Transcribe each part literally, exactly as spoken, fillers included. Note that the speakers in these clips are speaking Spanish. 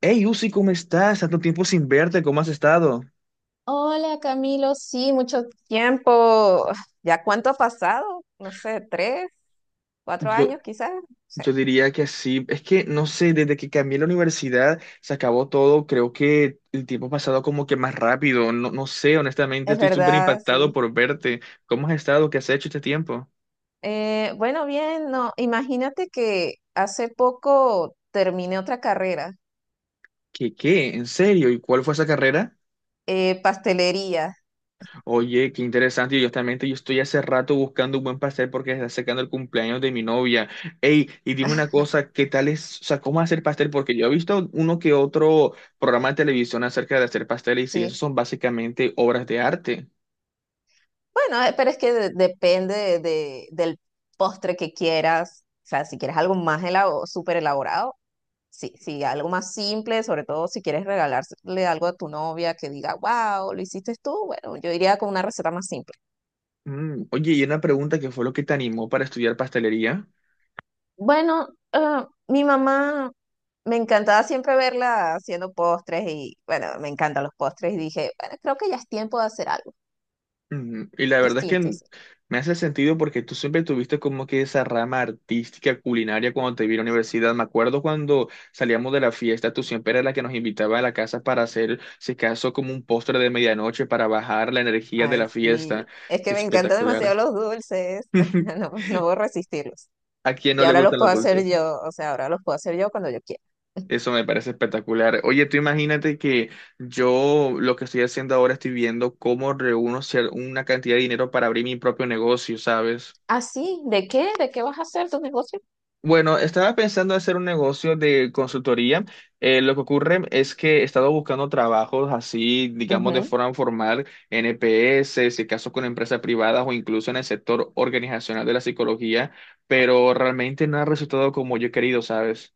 Hey, Uzi, ¿cómo estás? Tanto tiempo sin verte, ¿cómo has estado? Hola Camilo, sí, mucho tiempo. ¿Ya cuánto ha pasado? No sé, tres, cuatro Yo, años quizás. No sé. yo diría que sí. Es que, no sé, desde que cambié la universidad se acabó todo. Creo que el tiempo ha pasado como que más rápido. No, no sé, honestamente, Es estoy súper verdad, impactado sí. por verte. ¿Cómo has estado? ¿Qué has hecho este tiempo? Eh, bueno, bien, no, imagínate que hace poco terminé otra carrera, ¿Qué, qué? ¿En serio? ¿Y cuál fue esa carrera? eh, pastelería, Oye, qué interesante. Yo Justamente yo estoy hace rato buscando un buen pastel porque se está acercando el cumpleaños de mi novia. Ey, y dime una cosa, ¿qué tal es, o sea, cómo hacer pastel? Porque yo he visto uno que otro programa de televisión acerca de hacer pasteles y esos sí. son básicamente obras de arte. Bueno, eh, pero es que de- depende de, del postre que quieras. O sea, si quieres algo más elabo- súper elaborado. Sí, sí, algo más simple, sobre todo si quieres regalarle algo a tu novia que diga, wow, lo hiciste tú, bueno, yo iría con una receta más simple. Mm, Oye, y una pregunta, ¿qué fue lo que te animó para estudiar pastelería? Bueno, ah, mi mamá me encantaba siempre verla haciendo postres y, bueno, me encantan los postres y dije, bueno, creo que ya es tiempo de hacer algo Ujú. Y la verdad es distinto. que sí". me hace sentido porque tú siempre tuviste como que esa rama artística culinaria cuando te vi en la universidad. Me acuerdo cuando salíamos de la fiesta, tú siempre eras la que nos invitaba a la casa para hacer, si acaso, como un postre de medianoche para bajar la energía de Ay, la fiesta. sí, es Qué que me encantan demasiado espectacular. los dulces, no, no puedo resistirlos. ¿A quién Y no le ahora los gustan los puedo hacer dulces? yo, o sea, ahora los puedo hacer yo cuando yo quiera. Eso me parece espectacular. Oye, tú imagínate que yo lo que estoy haciendo ahora estoy viendo cómo reúno cier- una cantidad de dinero para abrir mi propio negocio, ¿sabes? ¿Ah, sí? ¿De qué? ¿De qué vas a hacer tu negocio? Bueno, estaba pensando hacer un negocio de consultoría. Eh, lo que ocurre es que he estado buscando trabajos así, digamos, de Ujú. forma formal, en EPS, si acaso con empresas privadas o incluso en el sector organizacional de la psicología, pero realmente no ha resultado como yo he querido, ¿sabes?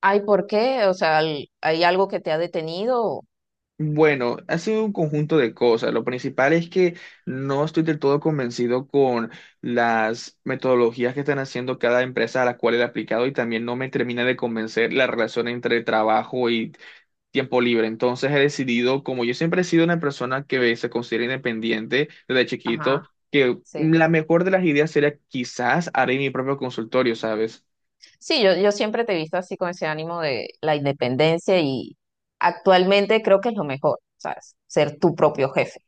Ay, ¿por qué? O sea, al- ¿hay algo que te ha detenido? Bueno, ha sido un conjunto de cosas. Lo principal es que no estoy del todo convencido con las metodologías que están haciendo cada empresa a la cual he aplicado y también no me termina de convencer la relación entre trabajo y tiempo libre. Entonces he decidido, como yo siempre he sido una persona que se considera independiente desde chiquito, Ajá, que sí. la mejor de las ideas sería quizás haré mi propio consultorio, ¿sabes? Sí, yo, yo siempre te he visto así con ese ánimo de la independencia y actualmente creo que es lo mejor, ¿sabes? Ser tu propio jefe.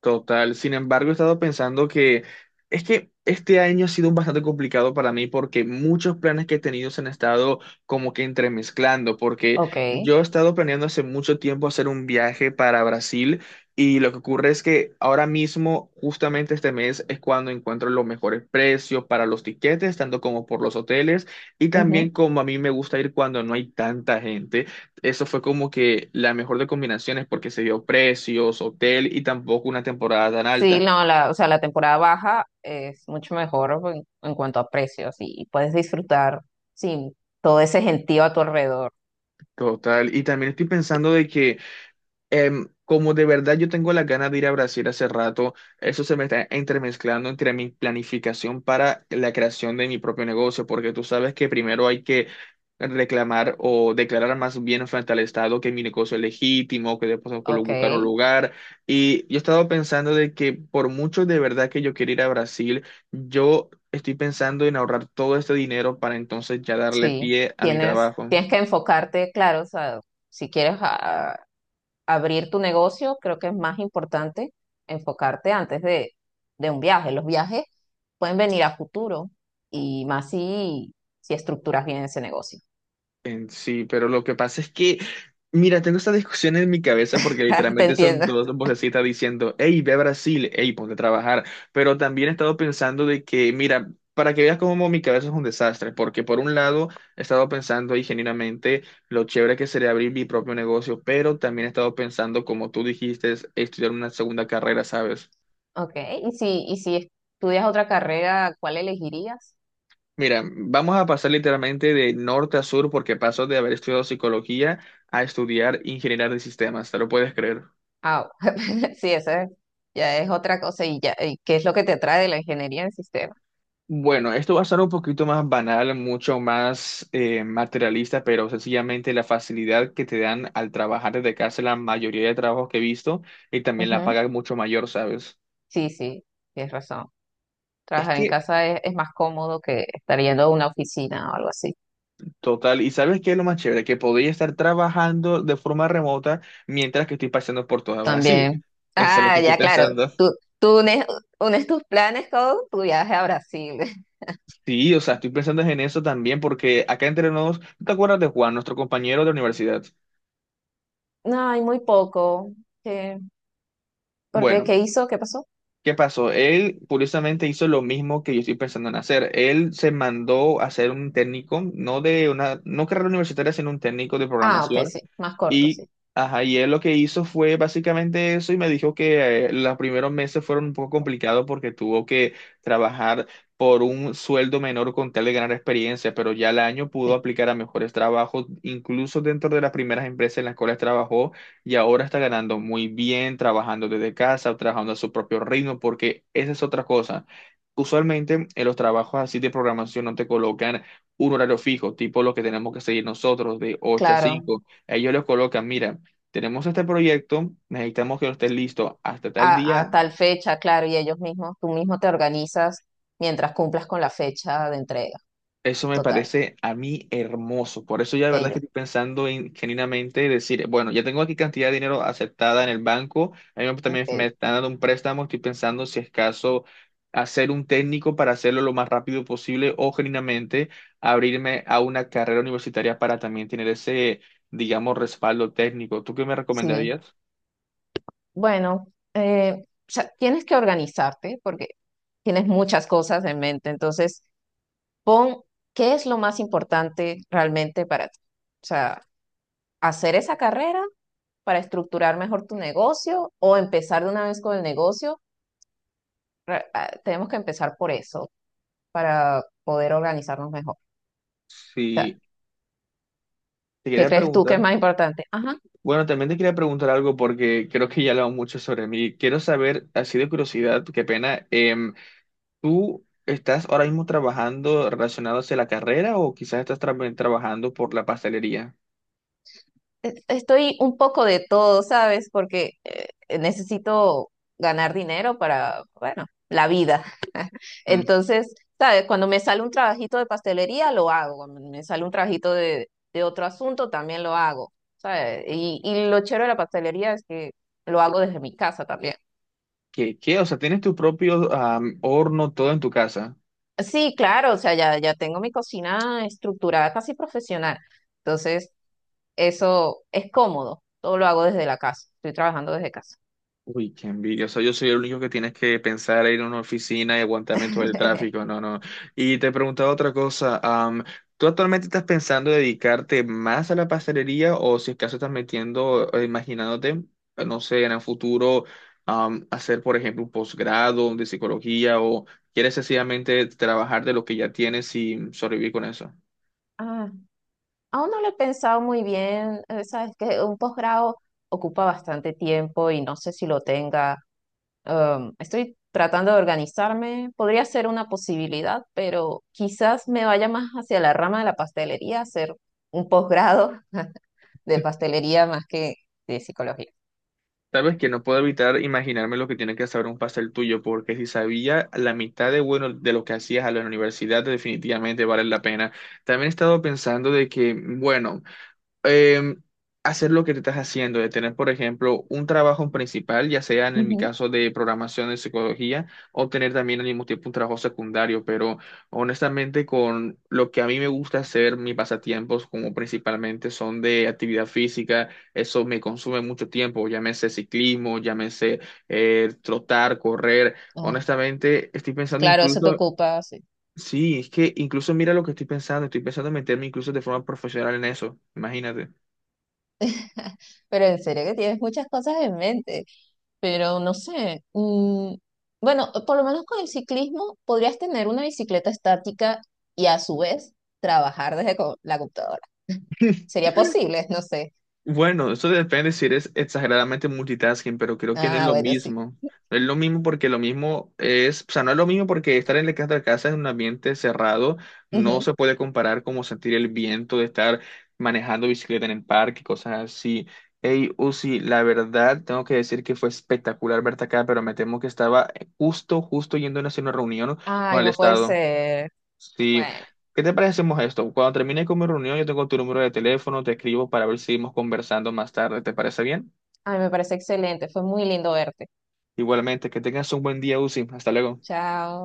Total. Sin embargo, he estado pensando que es que este año ha sido bastante complicado para mí porque muchos planes que he tenido se han estado como que entremezclando, porque Ok. yo he estado planeando hace mucho tiempo hacer un viaje para Brasil y lo que ocurre es que ahora mismo, justamente este mes, es cuando encuentro los mejores precios para los tiquetes, tanto como por los hoteles y también Ujú. como a mí me gusta ir cuando no hay tanta gente, eso fue como que la mejor de combinaciones porque se dio precios, hotel y tampoco una temporada tan Sí, alta. no, la, o sea, la temporada baja es mucho mejor en, en, cuanto a precios y puedes disfrutar, sí, todo ese gentío a tu alrededor. Total. Y también estoy pensando de que em, como de verdad yo tengo la ganas de ir a Brasil hace rato, eso se me está entremezclando entre mi planificación para la creación de mi propio negocio, porque tú sabes que primero hay que reclamar o declarar más bien frente al Estado que mi negocio es legítimo, que después puedo colo- Ok, buscar un lugar. Y yo he estado pensando de que por mucho de verdad que yo quiero ir a Brasil, yo estoy pensando en ahorrar todo este dinero para entonces ya darle sí. pie a mi Tienes, trabajo. tienes que enfocarte, claro, o sea, si quieres abrir tu negocio, creo que es más importante enfocarte antes de, de un viaje. Los viajes pueden venir a futuro y más si, si estructuras bien ese negocio. En sí, pero lo que pasa es que, mira, tengo esta discusión en mi cabeza porque Te literalmente son entiendo. dos vocecitas diciendo, hey, ve a Brasil, hey, ponte a trabajar. Pero también he estado pensando de que, mira, para que veas cómo mi cabeza es un desastre, porque por un lado he estado pensando ahí genuinamente lo chévere que sería abrir mi propio negocio, pero también he estado pensando, como tú dijiste, es estudiar una segunda carrera, ¿sabes? Ok, y si, y si estudias otra carrera, ¿cuál elegirías? Mira, vamos a pasar literalmente de norte a sur porque paso de haber estudiado psicología a estudiar ingeniería de sistemas, ¿te lo puedes creer? Ah, sí, esa ya es otra cosa y ya, y ¿qué es lo que te atrae de la ingeniería en sistemas? Bueno, esto va a ser un poquito más banal, mucho más eh, materialista, pero sencillamente la facilidad que te dan al trabajar desde casa la mayoría de trabajos que he visto y también la Ujú. paga es mucho mayor, ¿sabes? Sí, sí, tienes razón. Es Trabajar en que, casa es, es más cómodo que estar yendo a una oficina o algo así. total, ¿y sabes qué es lo más chévere? Que podría estar trabajando de forma remota mientras que estoy pasando por todo Brasil. También. Eso es lo que Ah, estoy ya, claro. pensando. Tú, tú unes, unes tus planes con tu viaje a Brasil. Sí, o sea, estoy pensando en eso también porque acá entre nos, ¿tú ¿te acuerdas de Juan, nuestro compañero de universidad? No, hay muy poco. ¿Qué? ¿Por qué? Bueno, ¿Qué hizo? ¿Qué pasó? ¿qué pasó? Él curiosamente hizo lo mismo que yo estoy pensando en hacer. Él se mandó a hacer un técnico, no de una, no carrera universitaria, sino un técnico de Ah, ok, programación sí. Más corto, sí. y, ajá, y él lo que hizo fue básicamente eso y me dijo que eh, los primeros meses fueron un poco complicados porque tuvo que trabajar por un sueldo menor con tal de ganar experiencia, pero ya al año pudo Sí, aplicar a mejores trabajos, incluso dentro de las primeras empresas en las cuales trabajó y ahora está ganando muy bien, trabajando desde casa, trabajando a su propio ritmo, porque esa es otra cosa. Usualmente en los trabajos así de programación no te colocan un horario fijo, tipo lo que tenemos que seguir nosotros de ocho a claro. cinco, ellos los colocan, mira, tenemos este proyecto, necesitamos que lo estés listo hasta tal A, día. a tal fecha, claro. Y ellos mismos, tú mismo te organizas mientras cumplas con la fecha de entrega. Eso me Total. parece a mí hermoso. Por eso ya de verdad es que Bello. estoy pensando en, genuinamente decir, bueno, ya tengo aquí cantidad de dinero aceptada en el banco, a mí me- también me Ok. están dando un préstamo, estoy pensando si es caso hacer un técnico para hacerlo lo más rápido posible o genuinamente abrirme a una carrera universitaria para también tener ese, digamos, respaldo técnico. ¿Tú qué me Sí. recomendarías? Bueno, eh, o sea, tienes que organizarte porque tienes muchas cosas en mente. Entonces, pon qué es lo más importante realmente para ti. O sea, hacer esa carrera para estructurar mejor tu negocio o empezar de una vez con el negocio. Re- ah, Tenemos que empezar por eso para poder organizarnos mejor. O sea, Sí, te ¿qué quería crees tú que es preguntar. más importante? Ajá, Bueno, también te quería preguntar algo porque creo que ya he hablado mucho sobre mí. Quiero saber, así de curiosidad, qué pena, em, ¿tú estás ahora mismo trabajando relacionado hacia la carrera o quizás estás tra- trabajando por la pastelería? e- estoy un poco de todo, ¿sabes? Porque eh, necesito ganar dinero para, bueno, la vida. Mm, Entonces, ¿sabes? Cuando me sale un trabajito de pastelería, lo hago. Cuando me sale un trabajito de, de otro asunto, también lo hago, ¿sabes? Y, y lo chévere de la pastelería es que lo hago desde mi casa también. ¿Qué, qué? O sea, ¿tienes tu propio am, horno todo en tu casa? Sí, claro, o sea, ya, ya tengo mi cocina estructurada casi profesional. Entonces, eso es cómodo. Todo lo hago desde la casa. Estoy trabajando desde casa. Uy, qué envidia. O sea, yo soy el único que tienes que pensar en ir a una oficina y aguantarme todo el tráfico. No, no. Y te preguntaba otra cosa. Am, ¿tú actualmente estás pensando dedicarte más a la pastelería o si es caso estás metiendo, eh, imaginándote, eh, no sé, en el futuro, am, hacer, por ejemplo, un posgrado de psicología o quieres sencillamente trabajar de lo que ya tienes y sobrevivir con eso? Ah, aún no lo he pensado muy bien. eh, Sabes que un posgrado ocupa bastante tiempo y no sé si lo tenga. Um, estoy tratando de organizarme. Podría ser una posibilidad, pero quizás me vaya más hacia la rama de la pastelería, hacer un posgrado de pastelería más que de psicología. Sabes que no puedo evitar imaginarme lo que tiene que saber un pastel tuyo, porque si sabía la mitad de bueno de lo que hacías a la universidad, definitivamente vale la pena. También he estado pensando de que, bueno, eh, hacer lo que te estás haciendo, de tener, por ejemplo, un trabajo principal, ya sea en mi Ujú. caso de programación de psicología, o tener también al mismo tiempo un trabajo secundario, pero honestamente con lo que a mí me gusta hacer, mis pasatiempos como principalmente son de actividad física, eso me consume mucho tiempo, llámese ciclismo, llámese eh, trotar, correr, Ah, honestamente estoy pensando claro, eso te incluso... ocupa, sí. Sí, es que incluso mira lo que estoy pensando, estoy pensando en meterme incluso de forma profesional en eso, imagínate. Pero en serio que tienes muchas cosas en mente. Pero no sé. mm, bueno, por lo menos con el ciclismo podrías tener una bicicleta estática y a su vez trabajar desde co- la computadora. ¿Sería posible? No sé. Bueno, eso depende si eres exageradamente multitasking, pero creo que no es Ah, lo bueno, sí. mismo. No es lo mismo porque lo mismo es, o sea, no es lo mismo porque estar en la casa de casa en un ambiente cerrado no Ujú. se puede comparar como sentir el viento de estar manejando bicicleta en el parque, cosas así. Hey, Uzi, la verdad, tengo que decir que fue espectacular verte acá, pero me temo que estaba justo, justo yendo a hacer una reunión con Ay, el no puede Estado. ser. Sí, Bueno, ¿qué te parece si hacemos esto? Cuando termine con mi reunión, yo tengo tu número de teléfono, te escribo para ver si seguimos conversando más tarde, ¿te parece bien? ay, me parece excelente. Fue muy lindo verte. Igualmente, que tengas un buen día, Uzi. Hasta luego. Chao.